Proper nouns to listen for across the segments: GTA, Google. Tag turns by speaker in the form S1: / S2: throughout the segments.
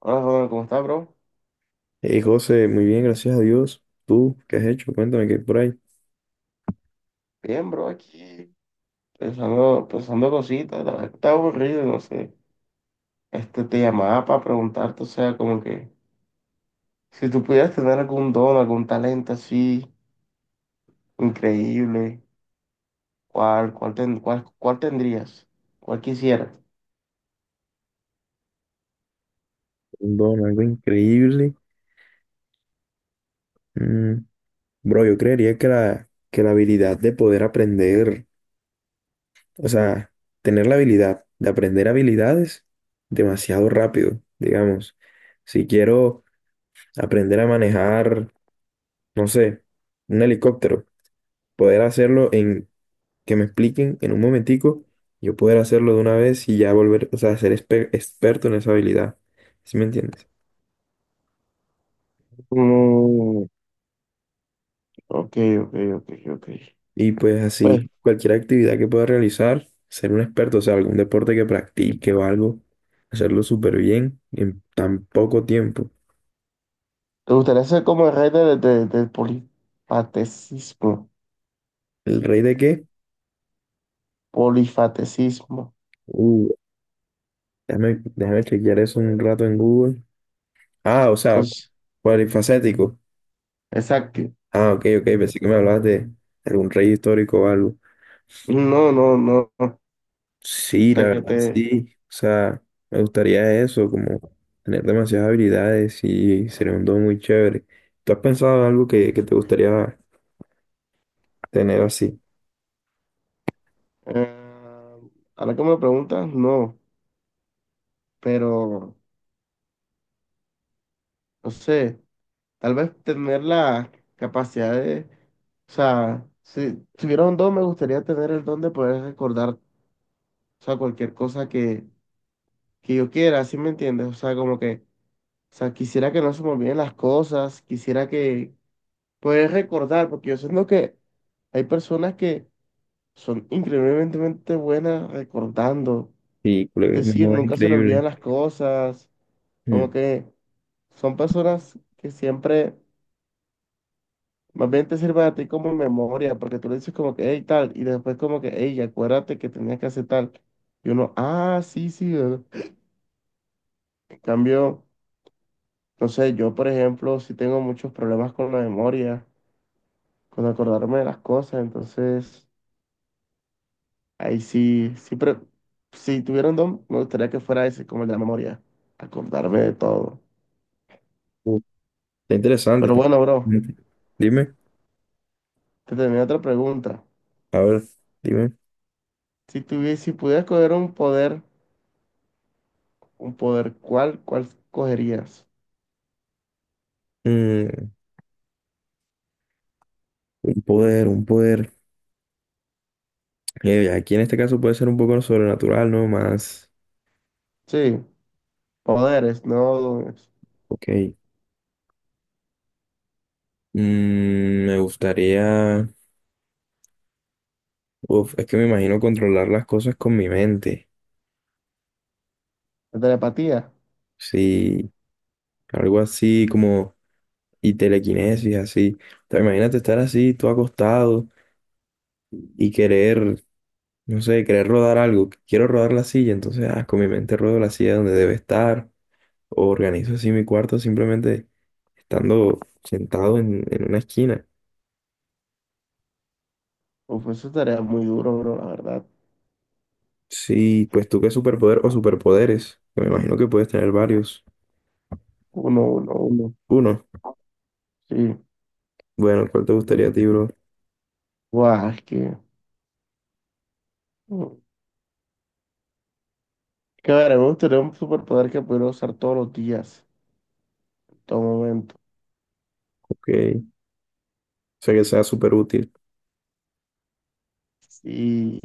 S1: Hola, Ronald, ¿cómo estás, bro?
S2: Hey José, muy bien, gracias a Dios. ¿Tú qué has hecho? Cuéntame qué hay por ahí.
S1: Bien, bro, aquí pensando cositas, la verdad está aburrido, no sé. Te llamaba para preguntarte, o sea, como que si tú pudieras tener algún don, algún talento así increíble, ¿ cuál tendrías? ¿Cuál quisieras?
S2: Un don, algo increíble. Mm, bro, yo creería que la habilidad de poder aprender, o sea, tener la habilidad de aprender habilidades demasiado rápido, digamos. Si quiero aprender a manejar, no sé, un helicóptero, poder hacerlo en, que me expliquen en un momentico, yo poder hacerlo de una vez y ya volver, o sea, ser experto en esa habilidad. ¿Sí me entiendes?
S1: Mm, ok, ok, ok, ok.
S2: Y pues así,
S1: Pues,
S2: cualquier actividad que pueda realizar, ser un experto, o sea, algún deporte que practique o algo, hacerlo súper bien en tan poco tiempo.
S1: ¿te gustaría ser como el rey del polifatecismo?
S2: ¿El rey de qué?
S1: Polifatecismo.
S2: Uh, déjame chequear eso un rato en Google. Ah, o sea,
S1: Entonces,
S2: polifacético.
S1: exacto.
S2: Ah, ok, ok, pensé que me hablabas de algún rey histórico o algo.
S1: No, no, no. O
S2: Sí, la
S1: sea, que
S2: verdad,
S1: te...
S2: sí. O sea, me gustaría eso, como tener demasiadas habilidades y sería un don muy chévere. ¿Tú has pensado en algo que te gustaría tener así?
S1: eh, ahora que me lo preguntas, no, pero no sé, tal vez tener la capacidad de... O sea, si tuviera un don, me gustaría tener el don de poder recordar, o sea, cualquier cosa que yo quiera, ¿sí me entiendes? O sea, como que, o sea, quisiera que no se me olviden las cosas, quisiera que poder recordar, porque yo siento que hay personas que son increíblemente buenas recordando,
S2: Y colega,
S1: es
S2: mi
S1: decir,
S2: amor, es
S1: nunca se le olvidan
S2: increíble.
S1: las cosas. Como
S2: Mm.
S1: que son personas que siempre, más bien te sirven a ti como memoria, porque tú le dices como que, hey, tal, y después como que, hey, acuérdate que tenías que hacer tal. Y uno, ah, sí, sí. ¿Verdad? En cambio, no sé, yo, por ejemplo, sí tengo muchos problemas con la memoria, con acordarme de las cosas, entonces, ahí sí, sí, pero si tuviera un don, me gustaría que fuera ese, como el de la memoria, acordarme de todo.
S2: Uh, está interesante,
S1: Pero
S2: está
S1: bueno, bro,
S2: interesante. Dime,
S1: te tenía otra pregunta.
S2: a ver, dime.
S1: Si pudieras coger un poder. Un poder, cuál cogerías?
S2: Mm, un poder. Aquí en este caso puede ser un poco sobrenatural, ¿no? Más.
S1: Sí, poderes, no dones.
S2: Ok. Mm, me gustaría. Uf, es que me imagino controlar las cosas con mi mente.
S1: La telepatía.
S2: Sí, algo así como. Y telequinesis, así. O sea, imagínate estar así, tú acostado y querer, no sé, querer rodar algo, que quiero rodar la silla, entonces ah, con mi mente ruedo la silla donde debe estar, o organizo así mi cuarto simplemente estando sentado en una esquina.
S1: Uf, eso estaría muy duro, bro, la verdad.
S2: Sí, pues tú qué superpoder o superpoderes, que me imagino que puedes tener varios.
S1: Uno, uno, uno.
S2: Uno,
S1: Sí.
S2: bueno, ¿cuál te gustaría a ti, bro?
S1: Guau, es que. Que a ver, me gustaría un superpoder que pudiera usar todos los días, en todo momento.
S2: Ok, o sea que sea súper útil.
S1: Y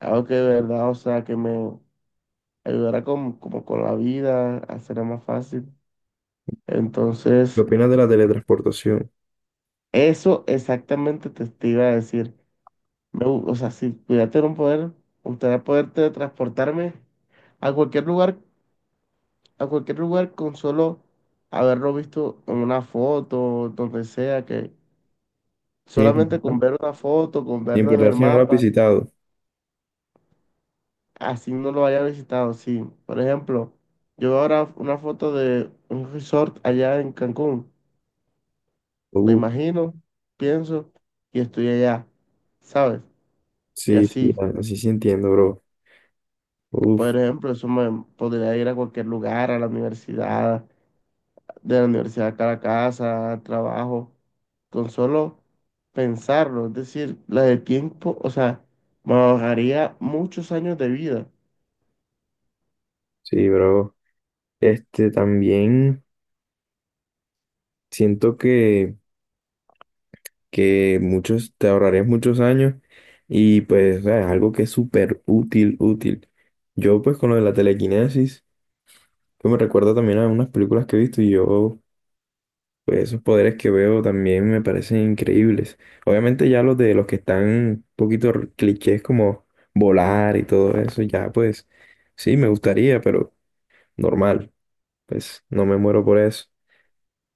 S1: algo que de verdad, o sea, que me ayudara con, como con la vida, a hacerla más fácil.
S2: ¿Qué
S1: Entonces,
S2: opinas de la teletransportación?
S1: eso exactamente te iba a decir. O sea, si pudiera tener un poder, me gustaría poder teletransportarme a cualquier lugar, a cualquier lugar con solo haberlo visto en una foto, donde sea, que
S2: Sin
S1: solamente
S2: importar,
S1: con ver una foto, con
S2: sin
S1: verlo en
S2: importar
S1: el
S2: si no la has
S1: mapa,
S2: visitado.
S1: así no lo haya visitado. Sí, por ejemplo, yo veo ahora una foto de un resort allá en Cancún, me
S2: Uf,
S1: imagino, pienso, y estoy allá, ¿sabes? Y
S2: sí, sí,
S1: así,
S2: así sí entiendo, bro. Uf,
S1: por ejemplo, eso me podría ir a cualquier lugar, a la universidad, de la universidad acá a la casa, al trabajo, con solo pensarlo, es decir, la de tiempo, o sea, me ahorraría muchos años de vida.
S2: sí, bro. Este también. Siento que muchos, te ahorrarías muchos años y pues o sea, es algo que es súper útil, útil. Yo pues con lo de la telequinesis, que me recuerda también a unas películas que he visto y yo, pues esos poderes que veo también me parecen increíbles. Obviamente ya los de los que están un poquito clichés como volar y todo eso, ya pues sí, me gustaría, pero normal, pues no me muero por eso.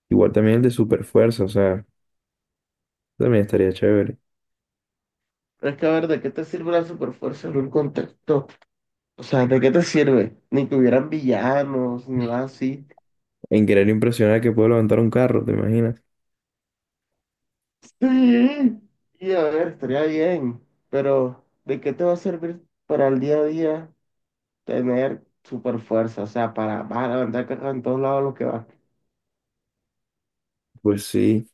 S2: Igual también el de super fuerza, o sea, también estaría chévere.
S1: Pero es que a ver, ¿de qué te sirve la superfuerza en un contexto? O sea, ¿de qué te sirve? Ni que hubieran villanos, ni nada así.
S2: En querer impresionar que puedo levantar un carro, ¿te imaginas?
S1: Sí, y a ver, estaría bien, pero ¿de qué te va a servir para el día a día tener superfuerza? O sea, para, vas a levantar carga en todos lados lo que vas.
S2: Pues sí.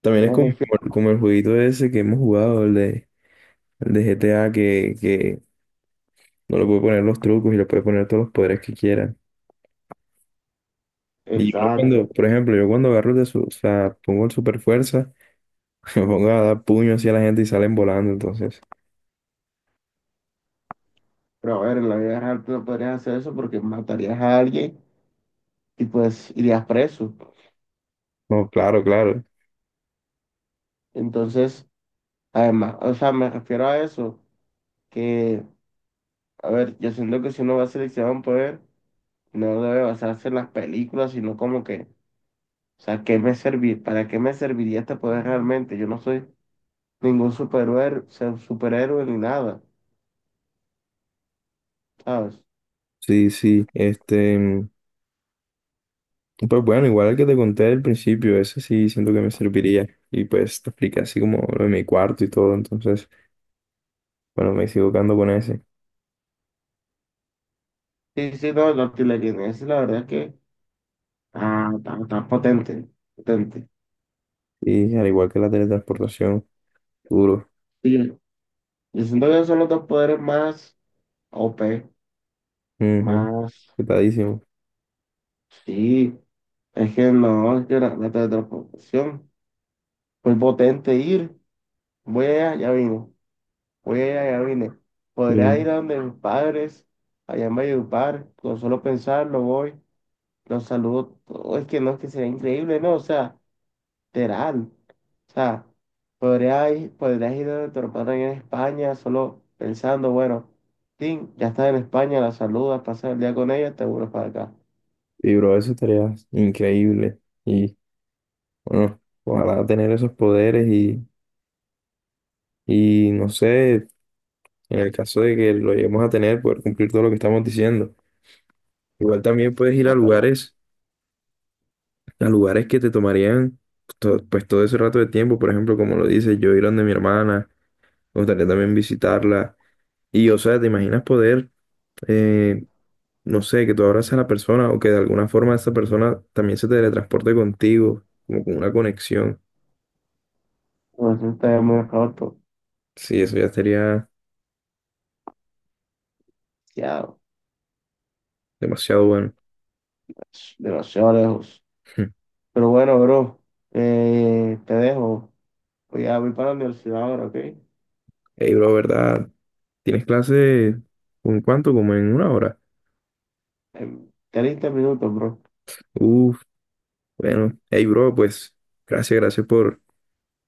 S2: También es
S1: Me
S2: como,
S1: refiero-
S2: como el jueguito ese que hemos jugado, el de GTA, que no le puede poner los trucos y le puede poner todos los poderes que quiera. Y yo no cuando,
S1: exacto.
S2: por ejemplo, yo cuando agarro de su, o sea, pongo el super fuerza, me pongo a dar puños así a la gente y salen volando, entonces.
S1: Pero a ver, en la vida real tú no podrías hacer eso porque matarías a alguien y pues irías preso.
S2: No, claro, claro.
S1: Entonces, además, o sea, me refiero a eso, que, a ver, yo siento que si uno va a seleccionar un poder, no debe basarse en las películas, sino como que, o sea, ¿qué me servir? ¿Para qué me serviría este poder realmente? Yo no soy ningún superhéroe, superhéroe ni nada, ¿sabes?
S2: Sí, sí. Este, mm, pues bueno, igual el que te conté al principio, ese sí siento que me serviría. Y pues te expliqué así como lo de mi cuarto y todo, entonces. Bueno, me sigo quedando con ese.
S1: Sí, sí, no, la artillería, esa es la verdad que, ah, está, está potente, potente.
S2: Y al igual que la teletransportación, duro.
S1: Sí, yo siento que son los dos poderes más OP,
S2: Ujú.
S1: más,
S2: Petadísimo.
S1: sí, es que no, es que la teletransportación muy potente ir, voy allá, ya vine, voy allá, ya vine,
S2: Y,
S1: podría ir a donde mis padres, allá en Valledupar, con solo pensarlo voy, los saludo, todo, es que no, es que sería increíble, no, o sea, literal, o sea, podría ir, podrías ir a donde tus padres en España, solo pensando, bueno, sí, ya estás en España, la saludas, pasas el día con ella, te vuelves para acá,
S2: bro, eso estaría increíble. Y bueno, ojalá tener esos poderes y no sé, en el caso de que lo lleguemos a tener, poder cumplir todo lo que estamos diciendo. Igual también puedes ir
S1: ah, pero
S2: a lugares que te tomarían pues todo ese rato de tiempo. Por ejemplo, como lo dices, yo ir donde mi hermana, me gustaría también visitarla. Y o sea, ¿te imaginas poder? eh, no sé, que tú abraces a la persona o que de alguna forma esa persona también se teletransporte contigo, como con una conexión.
S1: nosotros hemos acabado
S2: Sí, eso ya sería
S1: demasiado,
S2: demasiado bueno.
S1: demasiado lejos. Pero bueno, bro, te dejo. Voy para la universidad ahora, ¿ok?
S2: Ey, bro, ¿verdad? ¿Tienes clase con cuánto? Como en una hora.
S1: En 30 minutos, bro.
S2: Uf, bueno. Hey, bro, pues gracias por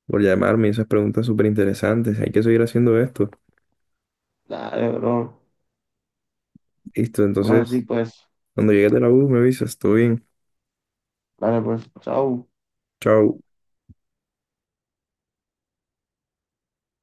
S2: por llamarme. Y esas preguntas súper interesantes. Hay que seguir haciendo esto.
S1: Dale, bro.
S2: Listo,
S1: Vamos así,
S2: entonces,
S1: pues.
S2: cuando llegues de la U, me avisas. Todo bien.
S1: Dale, pues. Chao.
S2: Chao.